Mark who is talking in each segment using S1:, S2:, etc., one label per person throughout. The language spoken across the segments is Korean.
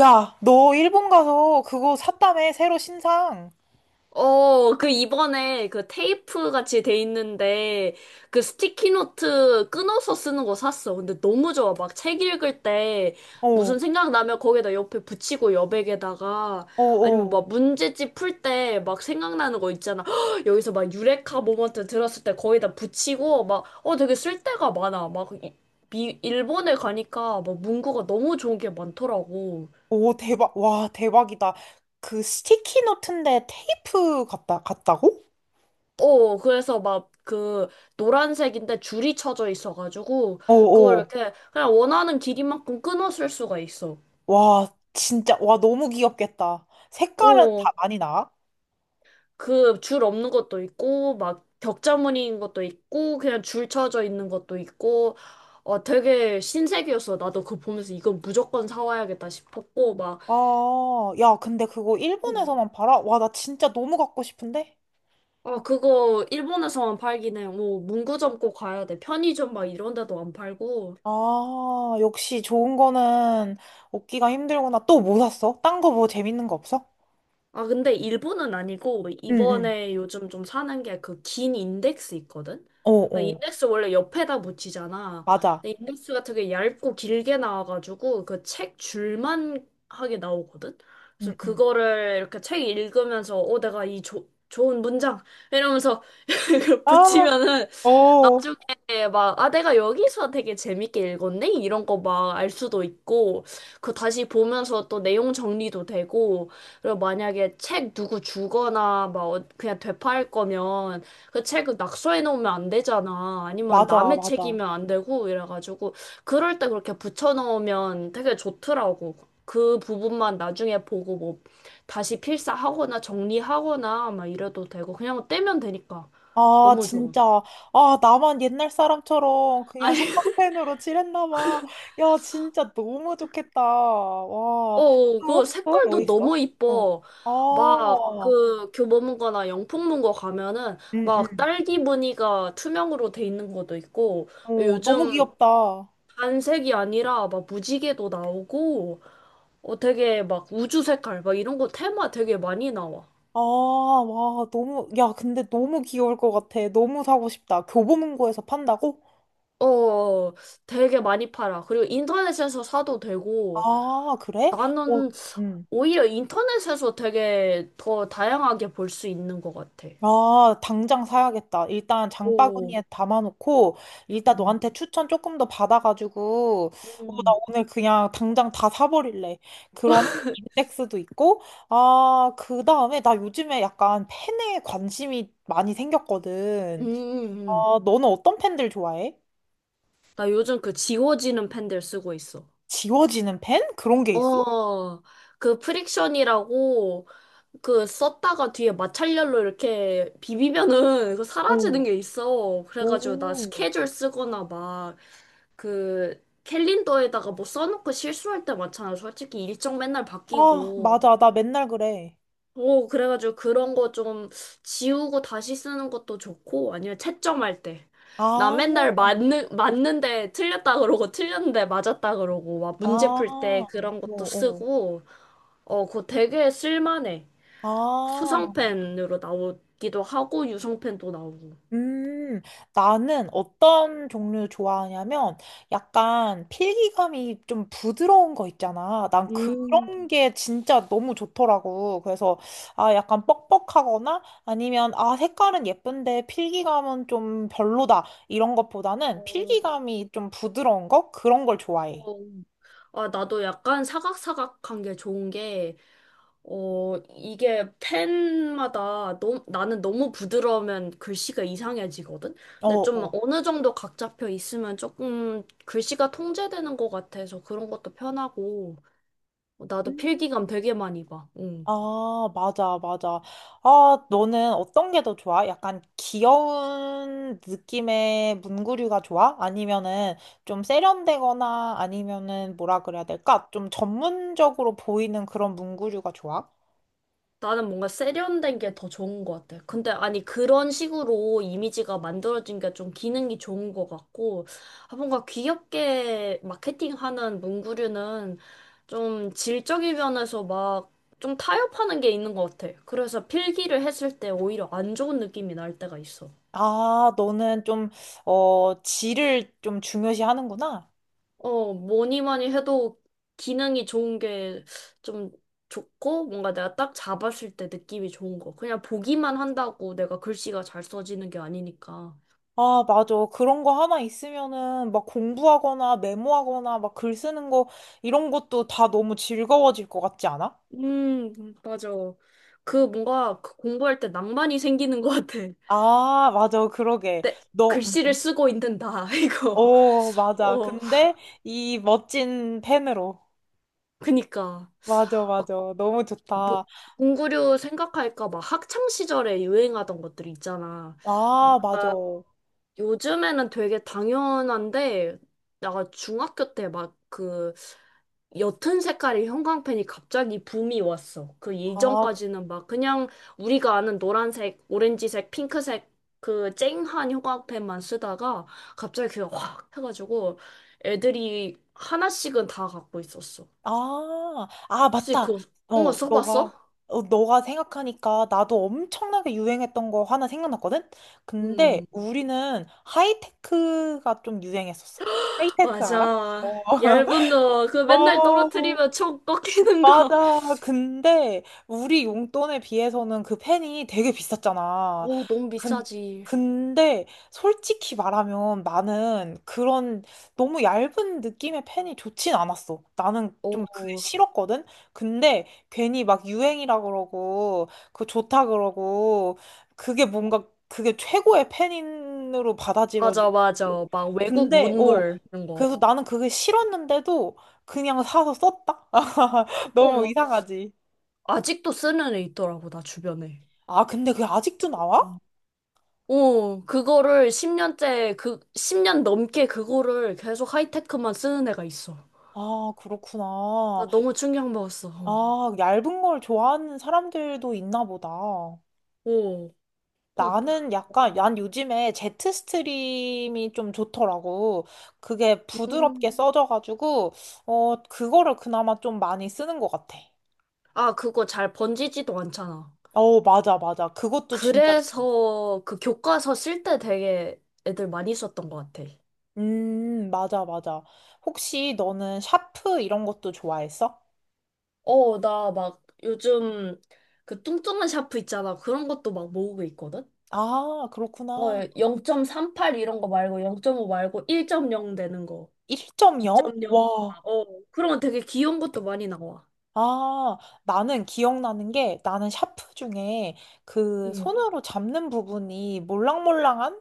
S1: 야, 너 일본 가서 그거 샀다며, 새로 신상.
S2: 어, 그 이번에 그 테이프 같이 돼 있는데 그 스티키노트 끊어서 쓰는 거 샀어. 근데 너무 좋아. 막 책 읽을 때
S1: 어, 어,
S2: 무슨 생각 나면 거기다 옆에 붙이고 여백에다가 아니면
S1: 어.
S2: 막 문제집 풀 때 막 생각나는 거 있잖아. 헉, 여기서 막 유레카 모먼트 들었을 때 거기다 붙이고 막 되게 쓸데가 많아. 막 일본에 가니까 막 문구가 너무 좋은 게 많더라고.
S1: 오, 대박. 와, 대박이다. 그 스티키 노트인데 테이프 같다, 같다고?
S2: 어, 그래서 막 그 노란색인데 줄이 쳐져 있어가지고
S1: 어,
S2: 그걸
S1: 어.
S2: 이렇게 그냥 원하는 길이만큼 끊어 쓸 수가 있어.
S1: 와, 진짜. 와, 너무 귀엽겠다. 색깔은
S2: 어,
S1: 다 많이 나?
S2: 그 줄 없는 것도 있고 막 격자무늬인 것도 있고 그냥 줄 쳐져 있는 것도 있고 어, 되게 신세계였어. 나도 그거 보면서 이건 무조건 사와야겠다 싶었고 막
S1: 아, 야, 근데 그거
S2: 어,
S1: 일본에서만 팔아? 와, 나 진짜 너무 갖고 싶은데?
S2: 아, 그거 일본에서만 팔긴 해. 뭐 문구점 꼭 가야 돼. 편의점 막 이런 데도 안 팔고.
S1: 아, 역시 좋은 거는 얻기가 힘들구나. 또 뭐 샀어? 딴 거 뭐 재밌는 거 없어?
S2: 아, 근데 일본은 아니고,
S1: 응, 응.
S2: 이번에 요즘 좀 사는 게 그 긴 인덱스 있거든?
S1: 어,
S2: 아,
S1: 어.
S2: 인덱스 원래 옆에다 붙이잖아.
S1: 맞아.
S2: 근데 인덱스가 되게 얇고 길게 나와가지고, 그 책 줄만 하게 나오거든?
S1: 응,
S2: 그래서
S1: 응.
S2: 그거를 이렇게 책 읽으면서, 내가 이 좋은 문장! 이러면서
S1: 아,
S2: 붙이면은,
S1: 어,
S2: 나중에 막, 아, 내가 여기서 되게 재밌게 읽었네? 이런 거 막 알 수도 있고, 그 다시 보면서 또 내용 정리도 되고, 그리고 만약에 책 누구 주거나 막 그냥 되팔 거면 그 책을 낙서해 놓으면 안 되잖아. 아니면
S1: 맞아,
S2: 남의
S1: 맞아.
S2: 책이면 안 되고 이래가지고 그럴 때 그렇게 붙여 넣으면 되게 좋더라고. 그 부분만 나중에 보고 뭐 다시 필사하거나 정리하거나 막 이래도 되고 그냥 떼면 되니까
S1: 아,
S2: 너무 좋아.
S1: 진짜. 아, 나만 옛날 사람처럼 그냥 형광펜으로 칠했나 봐. 야, 진짜 너무 좋겠다. 와.
S2: 어, 그
S1: 또? 또? 뭐
S2: 색깔도
S1: 있어?
S2: 너무
S1: 어.
S2: 이뻐. 막
S1: 아,
S2: 그 교보문고나 영풍문고 가면은
S1: 응,
S2: 막
S1: 응.
S2: 딸기 무늬가 투명으로 돼 있는 것도 있고
S1: 어, 너무
S2: 요즘
S1: 귀엽다. 아,
S2: 단색이 아니라 막 무지개도 나오고 되게 막 우주 색깔 막 이런 거 테마 되게 많이 나와.
S1: 와, 너무, 야, 근데 너무 귀여울 것 같아. 너무 사고 싶다. 교보문고에서 판다고?
S2: 어, 어, 되게 많이 팔아. 그리고 인터넷에서 사도 되고
S1: 아, 그래? 어,
S2: 나는
S1: 응.
S2: 오히려 인터넷에서 되게 더 다양하게 볼 수 있는 것 같아.
S1: 아, 당장 사야겠다. 일단
S2: 오.
S1: 장바구니에 담아놓고, 일단
S2: 음.
S1: 너한테 추천 조금 더 받아가지고, 어, 나
S2: 음.
S1: 오늘 그냥 당장 다 사버릴래. 그러면 인덱스도 있고, 아, 그 다음에 나 요즘에 약간 팬에 관심이 많이 생겼거든.
S2: 음.
S1: 아, 너는 어떤 팬들 좋아해?
S2: 나 요즘 그 지워지는 펜들 쓰고 있어.
S1: 지워지는 팬? 그런 게 있어?
S2: 어, 그 프릭션이라고 그 썼다가 뒤에 마찰열로 이렇게 비비면은 그 사라지는
S1: 오,
S2: 게 있어. 그래가지고 나
S1: 오.
S2: 스케줄 쓰거나 막 그 캘린더에다가 뭐 써놓고 실수할 때 많잖아. 솔직히 일정 맨날
S1: 아,
S2: 바뀌고.
S1: 맞아. 나 맨날 그래.
S2: 오, 그래가지고 그런 거 좀 지우고 다시 쓰는 것도 좋고, 아니면 채점할 때. 나
S1: 아,
S2: 맨날 맞는데 틀렸다 그러고, 틀렸는데 맞았다 그러고, 막
S1: 아,
S2: 문제 풀 때
S1: 어,
S2: 그런 것도
S1: 어.
S2: 쓰고, 어, 그거 되게 쓸만해.
S1: 아,
S2: 수성펜으로 나오기도 하고, 유성펜도 나오고.
S1: 음, 나는 어떤 종류 좋아하냐면 약간 필기감이 좀 부드러운 거 있잖아. 난
S2: 음,
S1: 그런 게 진짜 너무 좋더라고. 그래서 아, 약간 뻑뻑하거나 아니면 아, 색깔은 예쁜데 필기감은 좀 별로다. 이런 것보다는
S2: 어,
S1: 필기감이 좀 부드러운 거? 그런 걸 좋아해.
S2: 어, 아, 나도 약간 사각사각한 게 좋은 게, 어, 이게 펜마다 너무, 나는 너무 부드러우면 글씨가 이상해지거든?
S1: 어,
S2: 근데 좀
S1: 어.
S2: 어느 정도 각 잡혀 있으면 조금 글씨가 통제되는 것 같아서 그런 것도 편하고, 어, 나도
S1: 음.
S2: 필기감 되게 많이 봐. 응.
S1: 아, 맞아, 맞아. 아, 너는 어떤 게 더 좋아? 약간 귀여운 느낌의 문구류가 좋아? 아니면은 좀 세련되거나 아니면은 뭐라 그래야 될까? 좀 전문적으로 보이는 그런 문구류가 좋아?
S2: 나는 뭔가 세련된 게 더 좋은 것 같아. 근데 아니 그런 식으로 이미지가 만들어진 게 좀 기능이 좋은 것 같고 아, 뭔가 귀엽게 마케팅하는 문구류는 좀 질적인 면에서 막 좀 타협하는 게 있는 것 같아. 그래서 필기를 했을 때 오히려 안 좋은 느낌이 날 때가 있어.
S1: 아, 너는 좀, 어, 질을 좀 중요시 하는구나.
S2: 어, 뭐니 뭐니 해도 기능이 좋은 게 좀 좋고, 뭔가 내가 딱 잡았을 때 느낌이 좋은 거. 그냥 보기만 한다고 내가 글씨가 잘 써지는 게 아니니까.
S1: 아, 맞아. 그런 거 하나 있으면은 막 공부하거나 메모하거나 막 글 쓰는 거 이런 것도 다 너무 즐거워질 것 같지 않아?
S2: 음, 맞아. 그 뭔가 그 공부할 때 낭만이 생기는 것 같아.
S1: 아, 맞아. 그러게.
S2: 내
S1: 너,
S2: 글씨를 쓰고 있는 나, 이거.
S1: 오, 맞아.
S2: 어,
S1: 근데 이 멋진 펜으로.
S2: 그니까.
S1: 맞아,
S2: 어,
S1: 맞아. 너무
S2: 뭐,
S1: 좋다.
S2: 공구류 생각할까 막 학창 시절에 유행하던 것들 있잖아.
S1: 아, 맞아.
S2: 요즘에는 되게 당연한데, 내가 중학교 때 막 그 옅은 색깔의 형광펜이 갑자기 붐이 왔어. 그
S1: 아, 그-
S2: 이전까지는 막 그냥 우리가 아는 노란색, 오렌지색, 핑크색 그 쨍한 형광펜만 쓰다가 갑자기 그게 확 해가지고 애들이 하나씩은 다 갖고 있었어.
S1: 아, 아,
S2: 혹시
S1: 맞다.
S2: 그, 응,
S1: 어, 너가,
S2: 써봤어?
S1: 어, 너가 생각하니까 나도 엄청나게 유행했던 거 하나 생각났거든? 근데
S2: 음,
S1: 우리는 하이테크가 좀 유행했었어. 하이테크 알아?
S2: 맞아.
S1: 어.
S2: 얇은 거, 그 맨날
S1: 어.
S2: 떨어뜨리면 총 꺾이는 거.
S1: 맞아. 근데 우리 용돈에 비해서는 그 펜이 되게 비쌌잖아.
S2: 오, 너무
S1: 근,
S2: 비싸지.
S1: 근데 솔직히 말하면 나는 그런 너무 얇은 느낌의 펜이 좋진 않았어. 나는 좀 그게
S2: 오,
S1: 싫었거든. 근데 괜히 막 유행이라 그러고 그거 좋다 그러고 그게 뭔가 그게 최고의 펜으로 받아들여지.
S2: 맞아, 맞아. 막 외국
S1: 근데 어
S2: 문물 이런 거.
S1: 그래서 나는 그게 싫었는데도 그냥 사서 썼다.
S2: 어,
S1: 너무
S2: 뭐,
S1: 이상하지.
S2: 아직도 쓰는 애 있더라고, 나 주변에.
S1: 아, 근데 그게 아직도 나와?
S2: 어, 그거를 10년째, 그, 10년 넘게 그거를 계속 하이테크만 쓰는 애가 있어.
S1: 아, 그렇구나.
S2: 나 너무 충격 먹었어. 어,
S1: 아, 얇은 걸 좋아하는 사람들도 있나 보다.
S2: 어, 그,
S1: 나는 약간,
S2: 와,
S1: 난 요즘에 제트 스트림이 좀 좋더라고. 그게
S2: 음.
S1: 부드럽게 써져가지고, 어, 그거를 그나마 좀 많이 쓰는 것 같아.
S2: 아, 그거 잘 번지지도 않잖아.
S1: 어, 맞아, 맞아. 그것도 진짜, 좋-
S2: 그래서 그 교과서 쓸 때 되게 애들 많이 썼던 것 같아.
S1: 맞아, 맞아. 혹시 너는 샤프 이런 것도 좋아했어?
S2: 어, 나 막 요즘 그 뚱뚱한 샤프 있잖아. 그런 것도 막 모으고 있거든?
S1: 아,
S2: 어,
S1: 그렇구나.
S2: 0.38 이런 거 말고 0.5 말고 1.0 되는 거.
S1: 1.0?
S2: 2.0.
S1: 와.
S2: 아, 어, 그런 거 되게 귀여운 것도 많이 나와.
S1: 아, 나는 기억나는 게 나는 샤프 중에 그
S2: 응.
S1: 손으로 잡는 부분이 몰랑몰랑한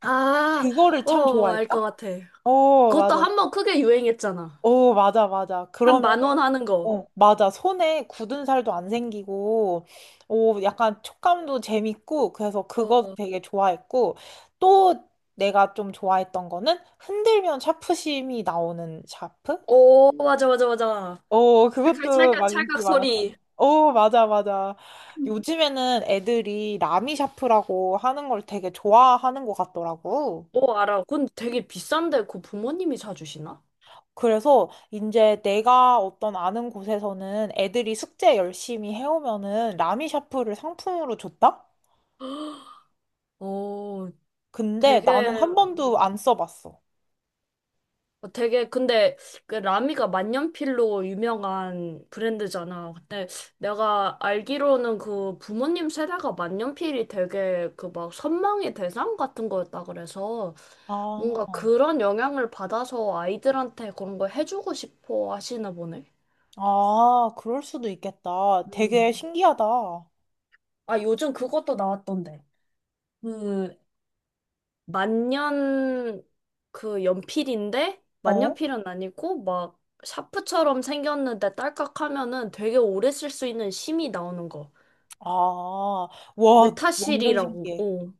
S2: 아,
S1: 그거를 참
S2: 어, 알 것
S1: 좋아했다.
S2: 같아.
S1: 오,
S2: 그것도
S1: 맞아.
S2: 한 번 크게 유행했잖아.
S1: 오, 맞아, 맞아.
S2: 한
S1: 그러면,
S2: 10,000원 하는 거.
S1: 어, 맞아. 손에 굳은 살도 안 생기고, 오, 약간 촉감도 재밌고, 그래서 그거
S2: 어,
S1: 되게 좋아했고, 또 내가 좀 좋아했던 거는 흔들면 샤프심이 나오는 샤프?
S2: 오, 맞아, 맞아, 맞아.
S1: 어,
S2: 찰칵,
S1: 그것도
S2: 찰칵,
S1: 막
S2: 찰칵
S1: 인기 많았잖아.
S2: 소리.
S1: 어, 맞아, 맞아. 요즘에는 애들이 라미샤프라고 하는 걸 되게 좋아하는 것 같더라고.
S2: 오, 알아. 그건 되게 비싼데, 그 부모님이 사주시나?
S1: 그래서 이제 내가 어떤 아는 곳에서는 애들이 숙제 열심히 해오면은 라미샤프를 상품으로 줬다?
S2: 어,
S1: 근데
S2: 되게
S1: 나는 한
S2: 어,
S1: 번도 안 써봤어.
S2: 되게 근데 그 라미가 만년필로 유명한 브랜드잖아. 근데 내가 알기로는 그 부모님 세대가 만년필이 되게 그 막 선망의 대상 같은 거였다 그래서
S1: 아,
S2: 뭔가 그런 영향을 받아서 아이들한테 그런 걸 해주고 싶어 하시나 보네.
S1: 아, 그럴 수도 있겠다. 되게
S2: 음.
S1: 신기하다. 어?
S2: 아, 요즘 그것도 나왔던데. 그 만년 그 연필인데 만년필은 아니고 막 샤프처럼 생겼는데 딸깍 하면은 되게 오래 쓸 수 있는 심이 나오는 거.
S1: 아, 와, 완전
S2: 메타실이라고.
S1: 신기해.
S2: 어.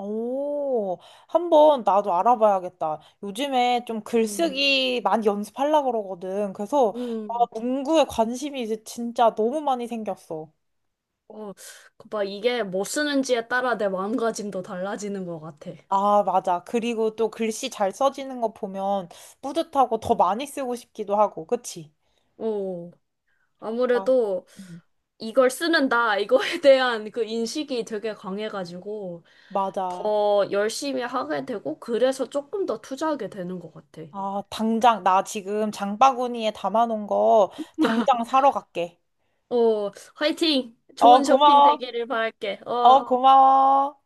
S1: 오, 한번 나도 알아봐야겠다. 요즘에 좀
S2: 음.
S1: 글쓰기 많이 연습하려고 그러거든. 그래서 아,
S2: 음.
S1: 문구에 관심이 이제 진짜 너무 많이 생겼어.
S2: 어. 그 막 이게 뭐 쓰는지에 따라 내 마음가짐도 달라지는 것 같아.
S1: 아, 맞아. 그리고 또 글씨 잘 써지는 거 보면 뿌듯하고 더 많이 쓰고 싶기도 하고, 그치?
S2: 어.
S1: 아,
S2: 아무래도
S1: 음,
S2: 이걸 쓰는다, 이거에 대한 그 인식이 되게 강해가지고
S1: 맞아.
S2: 더 열심히 하게 되고 그래서 조금 더 투자하게 되는 것 같아.
S1: 아, 당장, 나 지금 장바구니에 담아놓은 거 당장 사러 갈게.
S2: 어, 화이팅!
S1: 어,
S2: 좋은 쇼핑
S1: 고마워.
S2: 되기를 바랄게.
S1: 어,
S2: 어,
S1: 고마워.